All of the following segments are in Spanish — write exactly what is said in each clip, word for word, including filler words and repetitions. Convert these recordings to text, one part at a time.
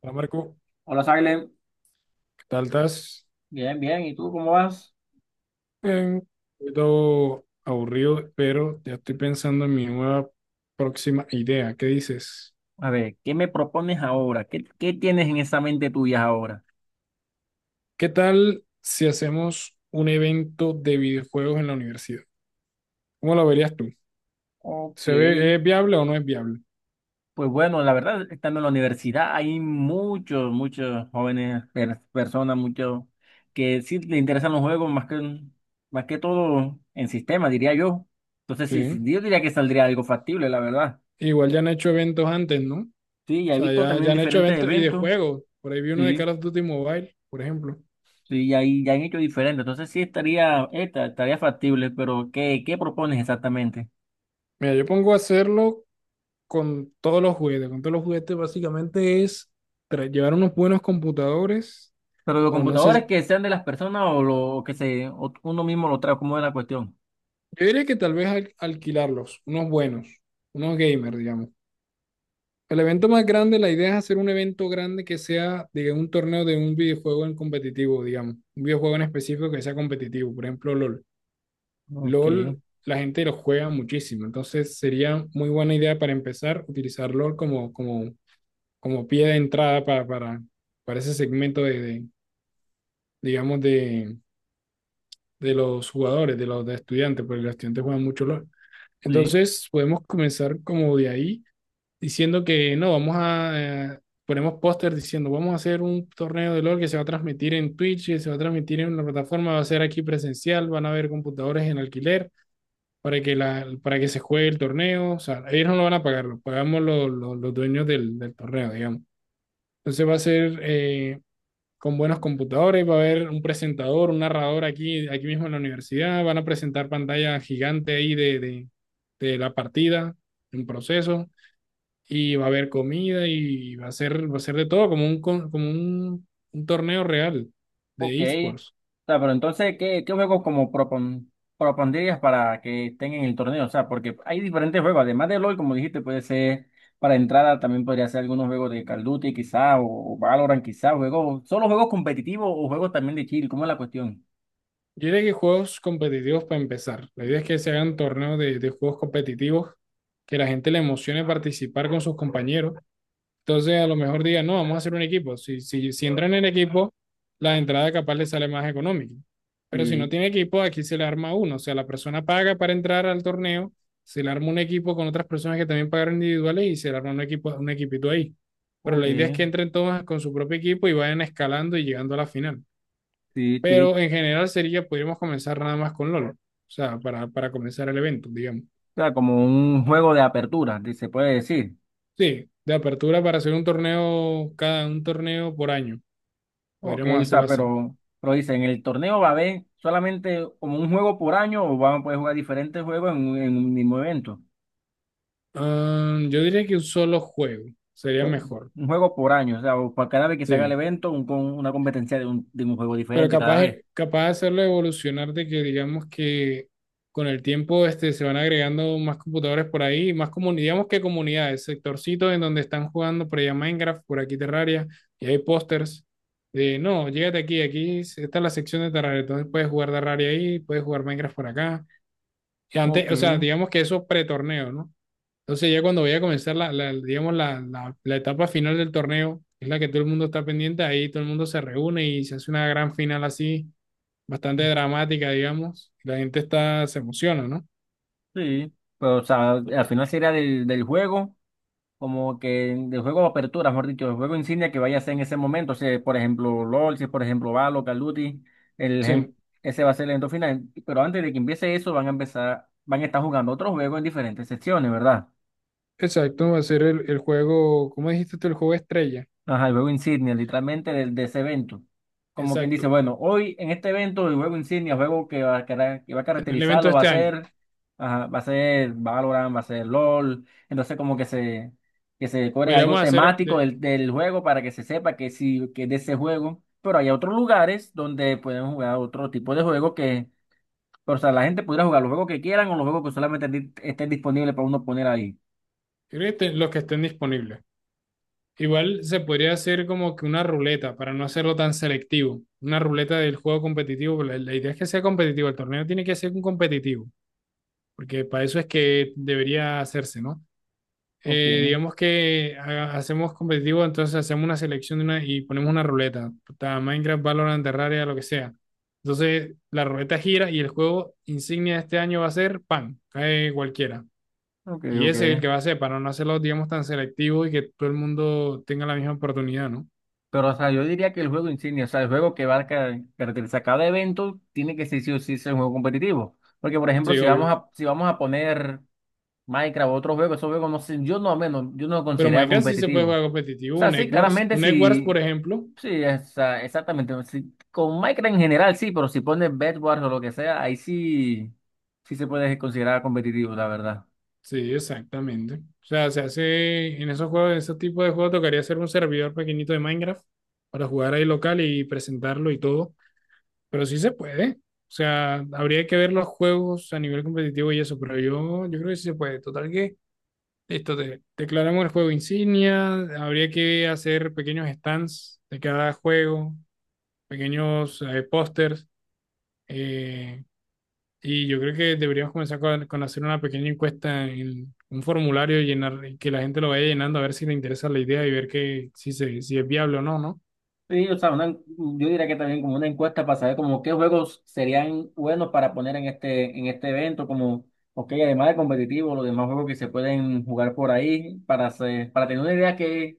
Hola Marco, Hola, Silent. ¿qué tal estás? Bien, bien. ¿Y tú cómo vas? Bien, un poquito aburrido, pero ya estoy pensando en mi nueva próxima idea. ¿Qué dices? A ver, ¿qué me propones ahora? ¿Qué, qué tienes en esa mente tuya ahora? ¿Qué tal si hacemos un evento de videojuegos en la universidad? ¿Cómo lo verías tú? Ok. ¿Se ve, es viable o no es viable? Pues bueno, la verdad, estando en la universidad hay muchos, muchos jóvenes, per- personas, muchos que sí les interesan los juegos más que, más que todo en sistema, diría yo. Entonces, Sí. sí, sí, yo diría que saldría algo factible, la verdad. Igual ya han hecho eventos antes, ¿no? O Sí, ya he sea, visto ya, ya también han hecho diferentes eventos y de eventos. juegos. Por ahí vi uno de Call Sí. of Duty Mobile, por ejemplo. Sí, ya, ahí ya han hecho diferente. Entonces sí estaría, esta, estaría factible, pero ¿qué, qué propones exactamente? Mira, yo pongo a hacerlo con todos los juguetes. Con todos los juguetes básicamente es tra- llevar unos buenos computadores Pero los o no computadores sé, que sean de las personas o lo que se o uno mismo lo trae, ¿cómo es la cuestión? yo diría que tal vez al- alquilarlos, unos buenos, unos gamers, digamos. El evento más grande, la idea es hacer un evento grande que sea, digamos, un torneo de un videojuego en competitivo, digamos, un videojuego en específico que sea competitivo, por ejemplo, LOL. Ok, LOL, la gente lo juega muchísimo, entonces sería muy buena idea para empezar utilizar LOL como, como, como pie de entrada para, para, para ese segmento de, de, digamos, de, de los jugadores, de los de estudiantes, porque los estudiantes juegan mucho LOL. sí, Entonces, podemos comenzar como de ahí, diciendo que no, vamos a, eh, ponemos póster diciendo, vamos a hacer un torneo de LOL que se va a transmitir en Twitch, que se va a transmitir en una plataforma, va a ser aquí presencial, van a haber computadores en alquiler para que, la, para que se juegue el torneo. O sea, ellos no lo van a pagar, lo pagamos los, los, los dueños del, del torneo, digamos. Entonces va a ser eh, con buenos computadores, va a haber un presentador, un narrador aquí, aquí mismo en la universidad, van a presentar pantalla gigante ahí de, de, de la partida, en proceso, y va a haber comida y va a ser, va a ser de todo, como un, con- como un, un torneo real ok. de esports. O sea, pero entonces, ¿qué, qué juegos como propon- propondrías para que estén en el torneo? O sea, porque hay diferentes juegos, además de LOL, como dijiste, puede ser para entrada, también podría ser algunos juegos de Call of Duty quizá, o, o Valorant quizá, juegos, solo juegos competitivos o juegos también de chill, ¿cómo es la cuestión? Yo diría que juegos competitivos para empezar. La idea es que se hagan torneos de, de juegos competitivos, que la gente le emocione participar con sus compañeros. Entonces, a lo mejor digan, no, vamos a hacer un equipo. Si, si, si entran en equipo, la entrada capaz les sale más económica. Pero si no Sí. tiene equipo, aquí se le arma uno. O sea, la persona paga para entrar al torneo, se le arma un equipo con otras personas que también pagaron individuales y se le arma un equipo, un equipito ahí. Pero Ok, la idea es que entren todos con su propio equipo y vayan escalando y llegando a la final. sí, Pero sí, en general sería, podríamos comenzar nada más con LOL. O sea, para, para comenzar el evento, digamos. o sea, como un juego de apertura, di- se puede decir. Sí, de apertura para hacer un torneo, cada un torneo por año. Ok, Podríamos o sea, hacerlo así. pero, pero dice, ¿en el torneo va a haber solamente como un juego por año o van a poder jugar diferentes juegos en un, en un mismo evento? Ah, yo diría que un solo juego sería Juego- mejor, Un juego por año, o sea, o para cada vez que se haga el sí. evento, un, con una competencia de un, de un juego Pero diferente cada capaz, vez. capaz de hacerlo evolucionar de que digamos que con el tiempo este, se van agregando más computadores por ahí, más comunidades, digamos que comunidades, sectorcitos en donde están jugando por allá Minecraft, por aquí Terraria, y hay pósters de, no, llégate aquí, aquí está la sección de Terraria, entonces puedes jugar Terraria ahí, puedes jugar Minecraft por acá. Y Ok, antes, o sea, digamos que eso pretorneo, ¿no? Entonces ya cuando vaya a comenzar la, la- digamos, la, la- la etapa final del torneo, que es la que todo el mundo está pendiente, ahí todo el mundo se reúne y se hace una gran final así, bastante dramática, digamos. La gente está, se emociona, ¿no? sí, pero o sea, al final sería del, del juego. Como que el juego de apertura, mejor dicho, el juego insignia que vaya a ser en ese momento, si por ejemplo LOL, si por ejemplo Valo, Call of Duty, el, ejem- Sí, ese va a ser el evento final, pero antes de que empiece eso van a empezar, van a estar jugando otros juegos en diferentes secciones, ¿verdad? exacto, va a ser el, el juego, ¿cómo dijiste tú? El juego estrella. Ajá, el juego insignia, literalmente del- de, ese evento. Como quien dice, Exacto, bueno, hoy en este evento el juego insignia, el juego que va a, cara- que va a en el evento caracterizarlo de va a este año. ser, ajá, va a ser Valorant, va a ser LOL. Entonces como que se, que se cobre algo Podríamos hacer, temático de, del, del juego para que se sepa que sí, que es de ese juego. Pero hay otros lugares donde pueden jugar otro tipo de juego que, o sea, la gente pudiera jugar los juegos que quieran o los juegos que solamente di- estén disponibles para uno poner ahí. creo que te- los que estén disponibles. Igual se podría hacer como que una ruleta, para no hacerlo tan selectivo. Una ruleta del juego competitivo, pero la, la idea es que sea competitivo, el torneo tiene que ser un competitivo. Porque para eso es que debería hacerse, ¿no? Ok, Eh, digamos que ha- hacemos competitivo, entonces hacemos una selección de una, y ponemos una ruleta, puta, Minecraft, Valorant, Terraria, lo que sea. Entonces la ruleta gira y el juego insignia de este año va a ser PAN, cae cualquiera. ok, Y ok. ese es el que va a ser, para no hacerlo, digamos, tan selectivo y que todo el mundo tenga la misma oportunidad, ¿no? Pero, o sea, yo diría que el juego insignia, o sea, el juego que va a ca- caracterizar cada evento, tiene que ser sí o sí ser un juego competitivo. Porque, por ejemplo, Sí, si obvio. vamos a, si vamos a poner Minecraft o otro juego, esos juegos no sé, yo no al menos, yo no lo Pero considero Minecraft sí se puede competitivo. O jugar competitivo, sea, un sí, Egg Wars. claramente Un Egg Wars, por sí, ejemplo, sí, esa- exactamente. Sí, con Minecraft en general sí, pero si pones Bed Wars o lo que sea, ahí sí, sí se puede considerar competitivo, la verdad. sí, exactamente. O sea, se hace en esos juegos, en ese tipo de juegos, tocaría hacer un servidor pequeñito de Minecraft para jugar ahí local y presentarlo y todo. Pero sí se puede. O sea, habría que ver los juegos a nivel competitivo y eso, pero yo, yo creo que sí se puede. Total que, listo, te, declaramos el juego insignia, habría que hacer pequeños stands de cada juego, pequeños eh, pósters, eh, y yo creo que deberíamos comenzar con, con hacer una pequeña encuesta en un formulario, llenar, y que la gente lo vaya llenando a ver si le interesa la idea y ver que, si, se, si es viable o no, ¿no? Sí, o sea, una- yo diría que también como una encuesta para saber como qué juegos serían buenos para poner en este, en este evento, como, ok, además de competitivo, los demás juegos que se pueden jugar por ahí, para hacer- para tener una idea que,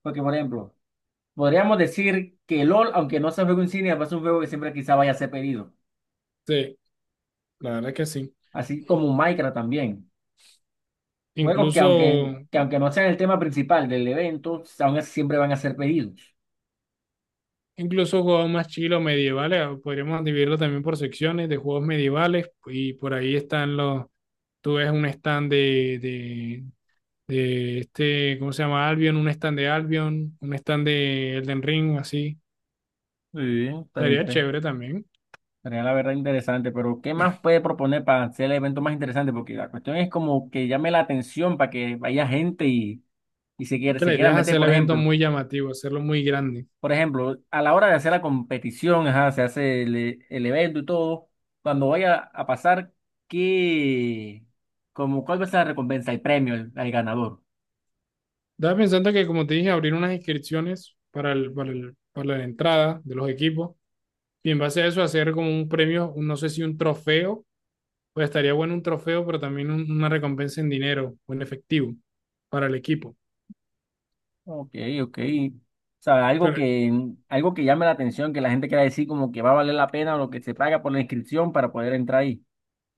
porque por ejemplo, podríamos decir que LOL, aunque no sea juego insignia, va a ser un juego que siempre quizá vaya a ser pedido, Sí, la verdad que sí. así como Minecraft también, juegos que aunque, Incluso, que aunque no sean el tema principal del evento, aún así siempre van a ser pedidos. incluso juegos más chilos medievales, ah, podríamos dividirlo también por secciones de juegos medievales y por ahí están los, tú ves un stand de, de, de este, ¿cómo se llama? Albion, un stand de Albion, un stand de Elden Ring, así. Sí, tan Estaría interesante. chévere también. Sería la verdad interesante, pero ¿qué más puede proponer para hacer el evento más interesante? Porque la cuestión es como que llame la atención para que vaya gente y, y se quiera, Que se la quiera idea es meter, hacer el por evento ejemplo. muy llamativo, hacerlo muy grande. Por ejemplo, a la hora de hacer la competición, ajá, se hace el, el evento y todo, cuando vaya a pasar, ¿qué, como, cuál va a ser la recompensa, el premio al, al ganador? Estaba pensando que, como te dije, abrir unas inscripciones para el, para el- para la entrada de los equipos y en base a eso hacer como un premio, un- no sé si un trofeo, pues estaría bueno un trofeo, pero también un- una recompensa en dinero o en efectivo para el equipo. Ok, ok. O sea, algo Pero que, algo que llame la atención, que la gente quiera decir como que va a valer la pena o lo que se paga por la inscripción para poder entrar ahí.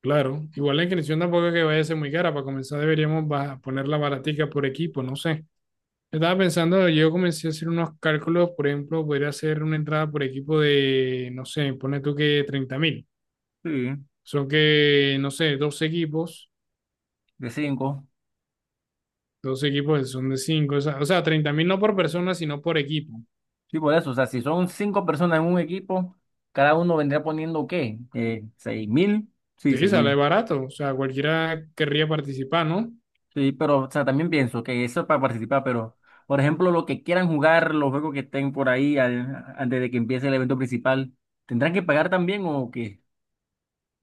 claro, igual la inscripción tampoco es que vaya a ser muy cara, para comenzar deberíamos baja- ponerla baratica por equipo, no sé. Estaba pensando, yo comencé a hacer unos cálculos, por ejemplo, podría hacer una entrada por equipo de, no sé, pone tú que treinta mil. Sí. Son que, no sé, dos equipos, De cinco. dos equipos son de cinco, o sea, o sea, 30 mil no por persona, sino por equipo. Sí, por eso. O sea, si son cinco personas en un equipo, cada uno vendría poniendo ¿qué? Eh, seis mil. Sí, Sí, seis sale mil. barato, o sea, cualquiera querría participar, ¿no? Sí, pero, o sea, también pienso que eso es para participar, pero, por ejemplo, lo que quieran jugar, los juegos que estén por ahí al- antes de que empiece el evento principal, ¿tendrán que pagar también o qué?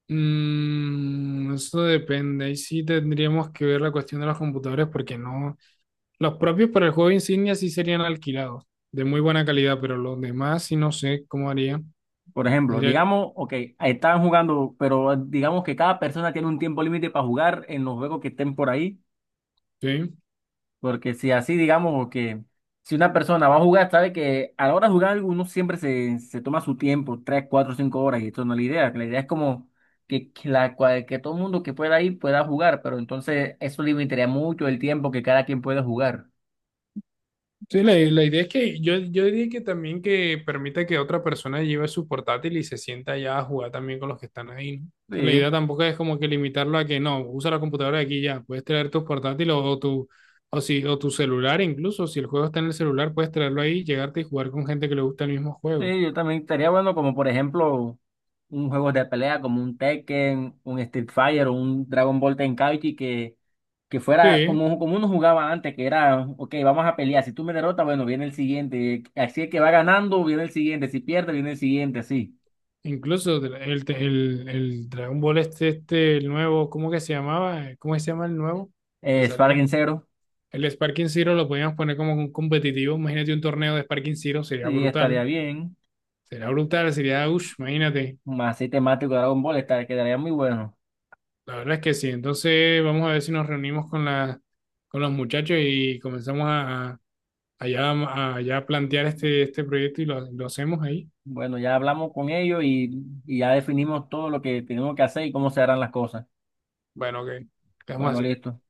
Mm, eso depende, ahí sí tendríamos que ver la cuestión de los computadores, porque no, los propios para el juego insignia sí serían alquilados, de muy buena calidad, pero los demás sí no sé cómo haría. Por ejemplo, Tendría, digamos, ok, estaban jugando, pero digamos que cada persona tiene un tiempo límite para jugar en los juegos que estén por ahí. sí, Porque si así, digamos, o que si una persona va a jugar, sabe que a la hora de jugar uno siempre se, se toma su tiempo, tres, cuatro, cinco horas, y esto no es la idea. La idea es como que, que la, cual- que todo el mundo que pueda ir pueda jugar, pero entonces eso limitaría mucho el tiempo que cada quien pueda jugar. sí, la, la idea es que yo, yo diría que también que permita que otra persona lleve su portátil y se sienta allá a jugar también con los que están ahí, ¿no? O sea, la Sí. idea tampoco es como que limitarlo a que no, usa la computadora de aquí y ya, puedes traer tu portátil o, o tu o si o tu celular incluso, si el juego está en el celular, puedes traerlo ahí, llegarte y jugar con gente que le gusta el mismo juego. Sí, yo también estaría bueno como por ejemplo un juego de pelea como un Tekken, un Street Fighter o un Dragon Ball Tenkaichi que, que fuera Sí, como, como uno jugaba antes, que era, ok, vamos a pelear, si tú me derrotas, bueno, viene el siguiente, así es que va ganando, viene el siguiente, si pierde, viene el siguiente, así. incluso de- el, el, el Dragon Ball este, este, el nuevo, ¿cómo que se llamaba? ¿Cómo que se llama el nuevo que Eh, salió? Sparring Zero, El Sparking Zero lo podíamos poner como un competitivo. Imagínate un torneo de Sparking Zero, sería sí, estaría brutal. bien, Sería brutal, sería, uff, imagínate. más así temático de Dragon Ball, estaría, quedaría muy bueno. La verdad es que sí. Entonces, vamos a ver si nos reunimos con, la, con los muchachos y comenzamos a, a, ya, a ya plantear este, este proyecto y lo, lo hacemos ahí. Bueno, ya hablamos con ellos y, y ya definimos todo lo que tenemos que hacer y cómo se harán las cosas. Bueno, ok, quedamos Bueno, así. listo.